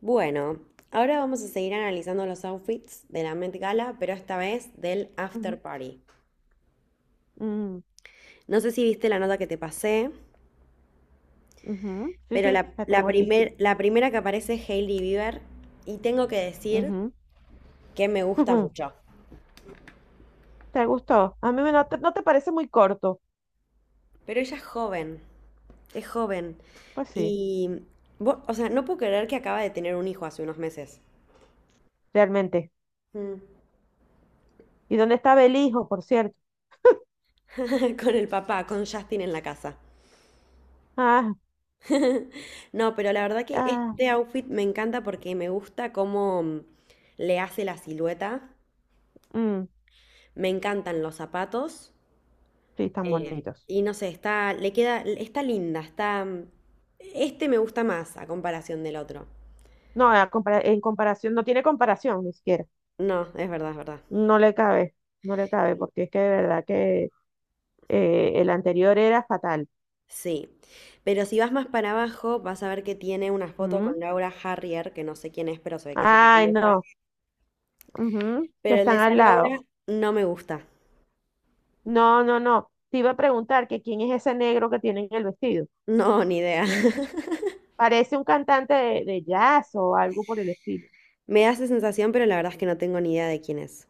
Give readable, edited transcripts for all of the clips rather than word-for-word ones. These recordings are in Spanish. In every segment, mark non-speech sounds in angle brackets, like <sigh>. Bueno, ahora vamos a seguir analizando los outfits de la Met Gala, pero esta vez del Ujú, after party. mm, No sé si viste la nota que te pasé, ujú. Sí, pero sí, la, la la, tengo aquí. primer- la primera que aparece es Hailey Bieber y tengo que decir Ujú, que me gusta ujú. mucho. ¿Te gustó? A mí no no te parece muy corto. Pero ella es joven, es joven. Pues sí, Y, o sea, no puedo creer que acaba de tener un hijo hace unos meses. realmente. Mm. ¿Y dónde está Belijo, por cierto? <laughs> Con el papá, con Justin en la casa. Ah, No, pero la verdad que ah, este outfit me encanta porque me gusta cómo le hace la silueta. mm, Me encantan los zapatos. sí, están eh, bonitos. y no sé, está, le queda, está linda, Este me gusta más a comparación del otro. No, a en comparación, no tiene comparación ni siquiera. No, es verdad, es verdad. No le cabe, no le cabe, porque es que de verdad que el anterior era fatal. Sí. Pero si vas más para abajo, vas a ver que tiene una foto con Mm. Laura Harrier, que no sé quién es, pero se ve que es una Ay, famosa. no. Ujú, que Pero el de están esa al lado. Laura no me gusta. No, no, no. Te iba a preguntar que quién es ese negro que tiene en el vestido. No, ni idea. <laughs> Parece un cantante de jazz o algo por el estilo. Me da esa sensación, pero la verdad es que no tengo ni idea de quién es.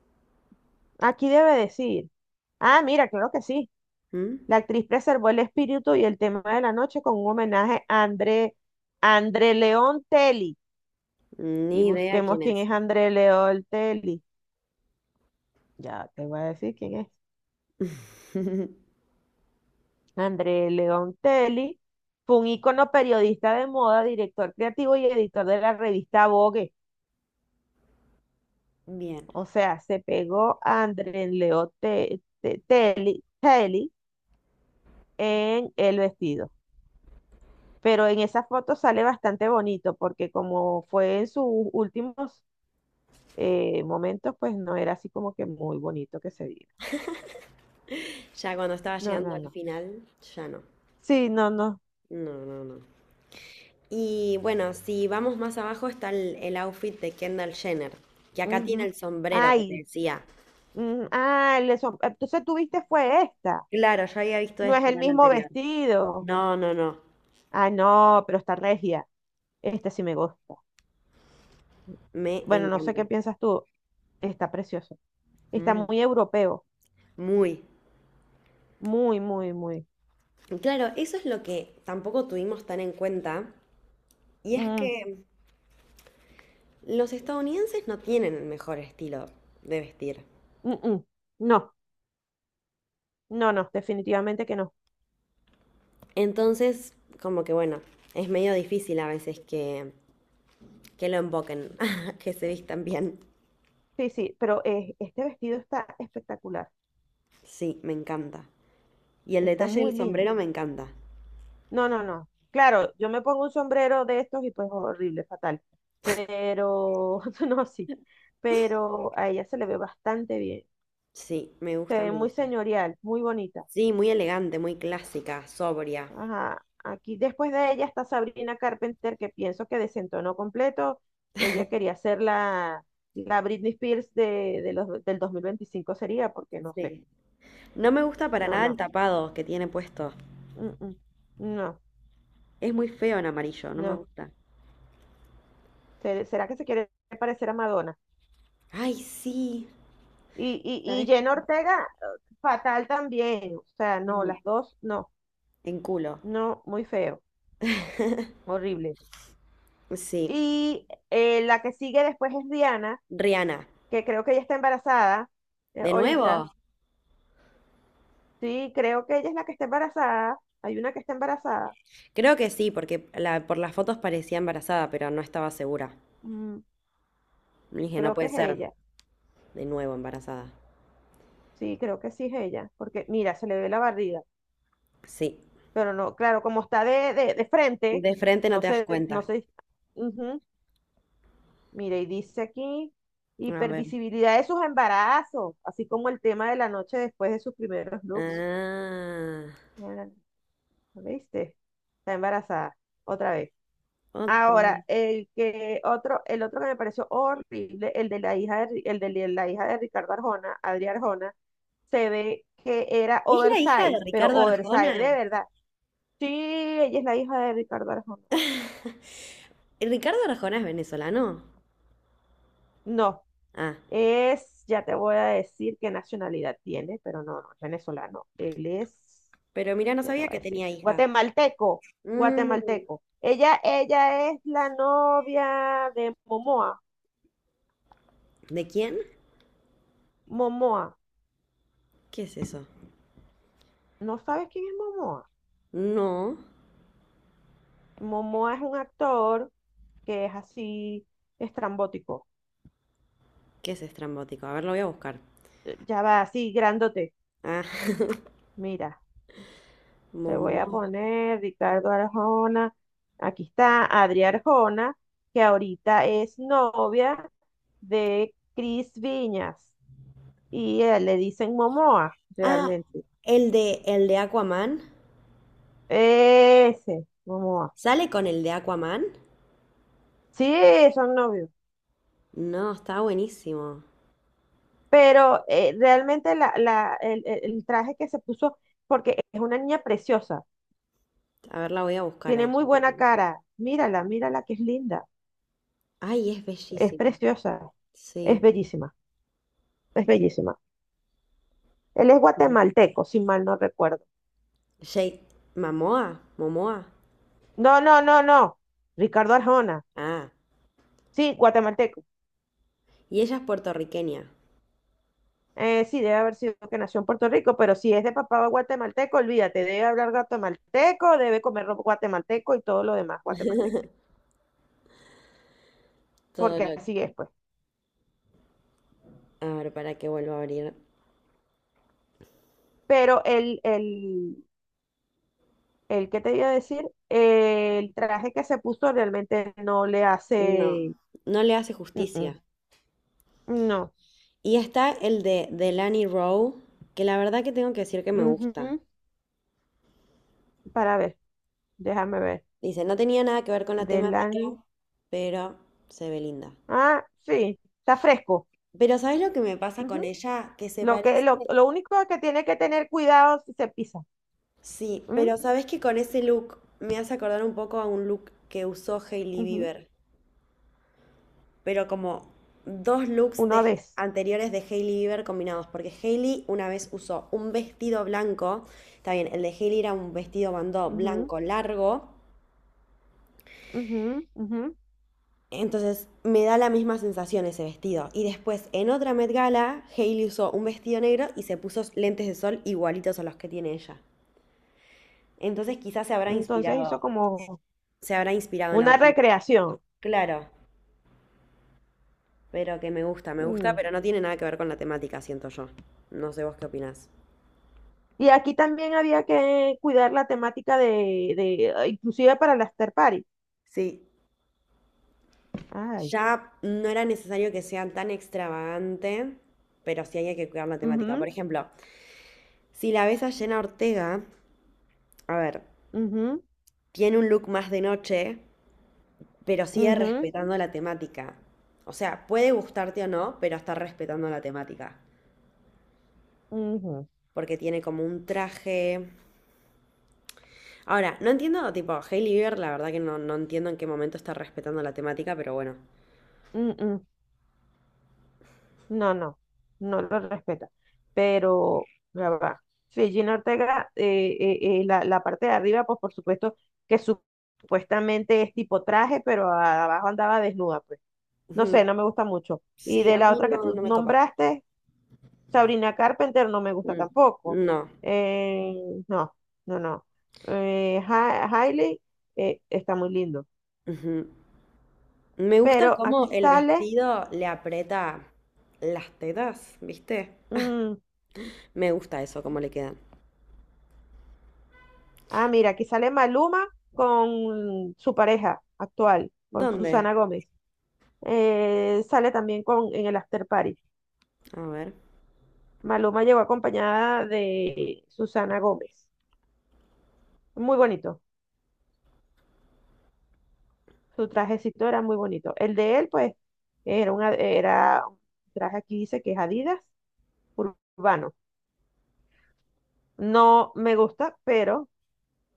Aquí debe decir. Ah, mira, claro que sí. ¿Mm? La actriz preservó el espíritu y el tema de la noche con un homenaje a André, André León Telly. Y Ni idea busquemos quién quién es. es André León Telly. Ya te voy a decir quién es. <laughs> André León Telly fue un ícono periodista de moda, director creativo y editor de la revista Vogue. Bien. O sea, se pegó a André León Telly en el vestido. Pero en esa foto sale bastante bonito porque como fue en sus últimos momentos, pues no era así como que muy bonito que se viera. Ya cuando estaba No, llegando no, al no. final, ya no. Sí, no, no. No, no, no. Y bueno, si vamos más abajo está el outfit de Kendall Jenner, que acá tiene Ujú. el sombrero que te Ay, decía. mm, ah, entonces tú viste fue esta. Claro, yo había visto No es este en el el mismo anterior. vestido. No, no, no. Ah, no, pero está regia. Este sí me gusta. Me Bueno, no sé qué encanta. piensas tú. Está precioso. Está Mm. muy europeo. Muy. Muy, muy, muy. Claro, eso es lo que tampoco tuvimos tan en cuenta, y es Mm, que los estadounidenses no tienen el mejor estilo de vestir. mm, mm. No. No, no, definitivamente que no. Entonces, como que bueno, es medio difícil a veces que lo emboquen, <laughs> que se vistan bien. Sí, sí, pero este vestido está espectacular, Sí, me encanta. Y el está detalle del muy sombrero lindo. me encanta. No, no, no. Claro, yo me pongo un sombrero de estos y pues horrible, fatal. Pero, <laughs> no, sí, pero a ella se le ve bastante bien. Sí, me Se gusta, ve me muy gusta. señorial, muy bonita. Sí, muy elegante, muy clásica, sobria. Ajá, aquí después de ella está Sabrina Carpenter, que pienso que desentonó completo. Ella quería ser la Britney Spears del 2025 sería, porque no sé. Sí. No me gusta para No, nada el no. tapado que tiene puesto. Mm, mm. No, Es muy feo en amarillo, no me no. gusta. ¿Será que se quiere parecer a Madonna? Ay, sí. Y ¿Sabés qué? Jenna Ortega, fatal también. O sea, no, Sí. las dos, no. En culo. No, muy feo, horrible. Sí. Y la que sigue después es Rihanna, Rihanna. que creo que ella está embarazada ¿De ahorita. nuevo? Sí, creo que ella es la que está embarazada. Hay una que está embarazada. Creo que sí, porque por las fotos parecía embarazada, pero no estaba segura. Mm, Le dije, no creo que puede es ser. ella. De nuevo embarazada. Sí, creo que sí es ella. Porque mira, se le ve la barriga. Sí. Pero no, claro, como está de frente, De frente no no te das sé, no cuenta. sé. Ujú, mire, y dice aquí, A ver. hipervisibilidad de sus embarazos, así como el tema de la noche después de sus primeros looks. Ah, Mira, ¿lo ¿viste? Está embarazada, otra vez. otra. Ahora, el otro que me pareció horrible, el de la hija de, Ri- el de li- la hija de Ricardo Arjona, Adri Arjona, se ve que era ¿Es la hija de oversize, pero Ricardo oversize de Arjona? verdad. Sí, ella es la hija de Ricardo Arjona. ¿El Ricardo Arjona es venezolano? No, Ah, es, ya te voy a decir qué nacionalidad tiene, pero no, no es venezolano. Él es, pero mira, no ya te sabía voy a que decir, tenía hijas. guatemalteco, Mm. guatemalteco. Ella es la novia de Momoa. ¿De quién? Momoa, ¿Qué es eso? ¿no sabes quién es Momoa? No. Momoa es un actor que es así estrambótico, ¿Qué es estrambótico? A ver, lo voy a buscar. Ya va así, grandote. Ah, <laughs> Mira. Te voy momo. a poner Ricardo Arjona. Aquí está Adri Arjona, que ahorita es novia de Cris Viñas. Y le dicen Momoa, Ah, realmente. El de Aquaman. Ese, Momoa. ¿Sale con el de Aquaman? Sí, son novios. No, está buenísimo. Pero realmente el traje que se puso, porque es una niña preciosa, A ver, la voy a buscar tiene ahí. muy buena cara. Mírala, mírala que es linda, Ay, es es bellísima. preciosa, es Sí. bellísima, es bellísima. Él es Ujú. guatemalteco, si mal no recuerdo. Jay Mamoa, Momoa. No, no, no, no. Ricardo Arjona. Ah, Sí, guatemalteco. y ella es puertorriqueña. Sí, debe haber sido que nació en Puerto Rico, pero si es de papá guatemalteco, olvídate, debe hablar guatemalteco, debe comer ropa guatemalteco y todo lo demás guatemalteco, Todo porque lo... así es, pues. A ver, para que vuelva a abrir. Pero el que te iba a decir, el traje que se puso realmente no le No, hace, no le hace mm, mm, justicia. no. Y está el de Delany Rowe, que la verdad que tengo que decir que me gusta. Ujú. Para ver, déjame ver, Dice, no tenía nada que ver con la del, temática, an- pero se ve linda. ah, sí, está fresco. Pero ¿sabes lo que me pasa con Ujú. ella? Que se parece... Lo único que tiene que tener cuidado si se pisa. Sí, ¿M? pero ¿sabes que con ese look me hace acordar un poco a un look que usó Hailey Ujú. Bieber? Pero como dos Una vez. anteriores de Hailey Bieber combinados, porque Hailey una vez usó un vestido blanco, está bien, el de Hailey era un vestido bandó Ujú, blanco largo, ujú, ujú. entonces me da la misma sensación ese vestido. Y después en otra Met Gala, Hailey usó un vestido negro y se puso lentes de sol igualitos a los que tiene ella. Entonces quizás Entonces hizo como se habrá inspirado en una outfits. recreación. Claro, pero que me gusta, Mm. pero no tiene nada que ver con la temática, siento yo. No sé vos qué opinás. Y aquí también había que cuidar la temática de ah, inclusive para la after party. Sí, Ay. ya no era necesario que sea tan extravagante, pero sí había que cuidar la temática. Ujú, Por ejemplo, si la ves a Jenna Ortega, a ver, ujú, tiene un look más de noche, pero sigue ujú, respetando la temática. O sea, puede gustarte o no, pero está respetando la temática. ujú, Porque tiene como un traje. Ahora, no entiendo, tipo, Hailey Bieber, la verdad que no, no entiendo en qué momento está respetando la temática, pero bueno. mm, mm. No, no, no lo respeta. Pero, ya va. Regina Ortega, la parte de arriba, pues por supuesto que supuestamente es tipo traje, pero abajo andaba desnuda, pues. No Ujú. sé, no me gusta mucho. Y Sí, de a la mí otra que no, tú no me copa. nombraste, Sabrina Carpenter, no me gusta Mm. tampoco. No. Eh, no, no, no. Hailey, está muy lindo. Ujú. Me gusta Pero cómo aquí el sale. vestido le aprieta las tetas, ¿viste? Mm, Me gusta eso, cómo le quedan. ah, mira, aquí sale Maluma con su pareja actual, con ¿Dónde? Susana Gómez. Sale también con, en el After Party. A ver. Maluma llegó acompañada de Susana Gómez. Muy bonito. Su trajecito era muy bonito. El de él, pues, era un traje aquí, dice que es Adidas urbano. No me gusta, pero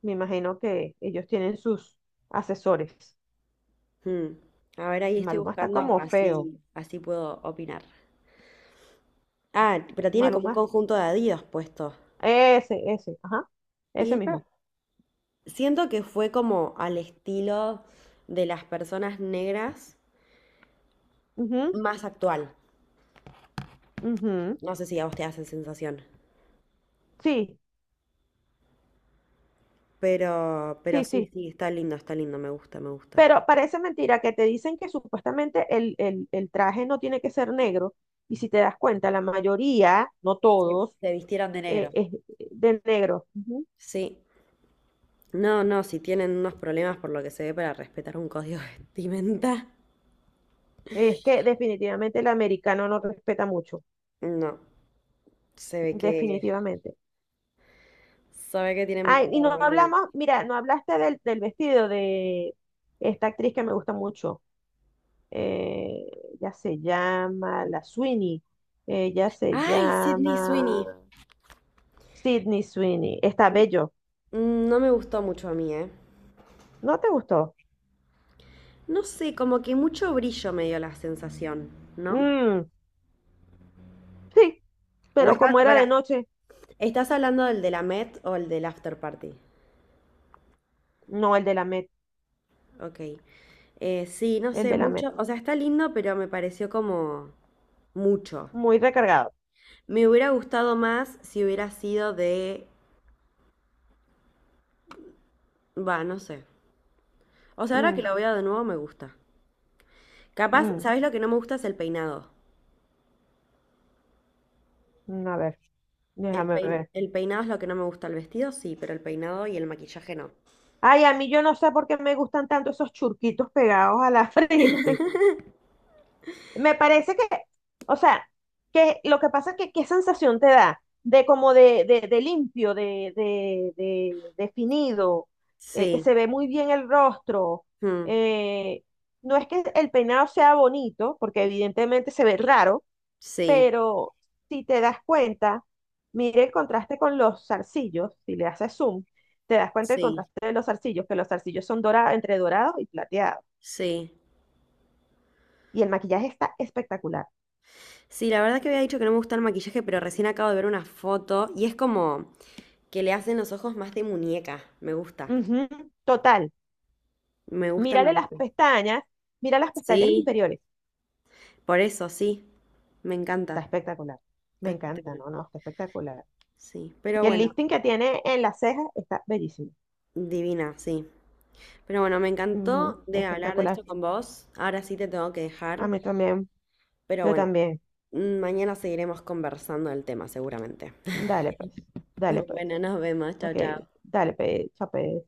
me imagino que ellos tienen sus asesores. Hmm. A ver, ahí estoy Maluma está buscando, como feo. así, así puedo opinar. Ah, pero tiene como un Maluma, conjunto de Adidas puesto. Ajá, Y ese esta, mismo. siento que fue como al estilo de las personas negras Ujú, más actual. ujú. No sé si a vos te hace sensación. Sí, Pero sí, sí, sí. sí, está lindo, me gusta, me gusta. Pero parece mentira que te dicen que supuestamente el traje no tiene que ser negro. Y si te das cuenta, la mayoría, no Se, todos, se vistieron de negro. Es de negro. Ujú. Sí, no, no, si tienen unos problemas por lo que se ve para respetar un código <laughs> de vestimenta, Es que definitivamente el americano no respeta mucho. no, se ve que, Definitivamente. se ve que tienen Ay, y no problemas. hablamos, mira, no hablaste del, del vestido de esta actriz que me gusta mucho. Eh, ya se llama La Sweeney. Ella se ¡Ay, Sydney Sweeney! llama. Sydney Sweeney. Está bello. Mm, no me gustó mucho a mí, ¿eh? ¿No te gustó? No sé, como que mucho brillo me dio la sensación, ¿no? Mm, sí, O pero estás, como era para, de noche, ¿estás hablando del de la Met o el del After Party? no el de la Met, Ok. Sí, no el sé, de la Met. mucho, o sea, está lindo, pero me pareció como mucho. Muy recargado. Me hubiera gustado más si hubiera sido de. Va, no sé. O sea, ahora que Mm, lo veo de nuevo me gusta. Capaz, mm, ¿sabés lo que no me gusta? Es el peinado. mm, a ver, El déjame pei- ver. el peinado es lo que no me gusta. El vestido sí, pero el peinado y el maquillaje no. Ay, a mí yo no sé por qué me gustan tanto esos churquitos pegados a la <laughs> frente. <laughs> Me parece que, o sea, que lo que pasa es que qué sensación te da de como de limpio, definido, que Sí, se ve muy bien el rostro. mm, Eh, no es que el peinado sea bonito, porque evidentemente se ve raro, sí, pero si te das cuenta, mire el contraste con los zarcillos, si le haces zoom, te das cuenta del sí, contraste de los zarcillos, que los zarcillos son dorados, entre dorados y plateados. sí. Y el maquillaje está espectacular. Sí, la verdad que había dicho que no me gusta el maquillaje, pero recién acabo de ver una foto y es como que le hacen los ojos más de muñeca. Me gusta, Ujú, total. me gusta, me Mírale las gusta. pestañas, mira las pestañas Sí, inferiores. por eso, sí, me Está encanta. espectacular. Está Me encanta, espectacular. no, no, está espectacular. Sí, pero Y el bueno, lifting que tiene en las cejas está bellísimo. divina, sí. Pero bueno, me Ujú, encantó de hablar de espectacular. esto con vos. Ahora sí te tengo que A dejar, mí también, pero yo bueno, también. Mañana seguiremos conversando del tema seguramente. Dale pues, dale <laughs> pues. Bueno, nos vemos. Chao, Ok, chao. dale pues, chape.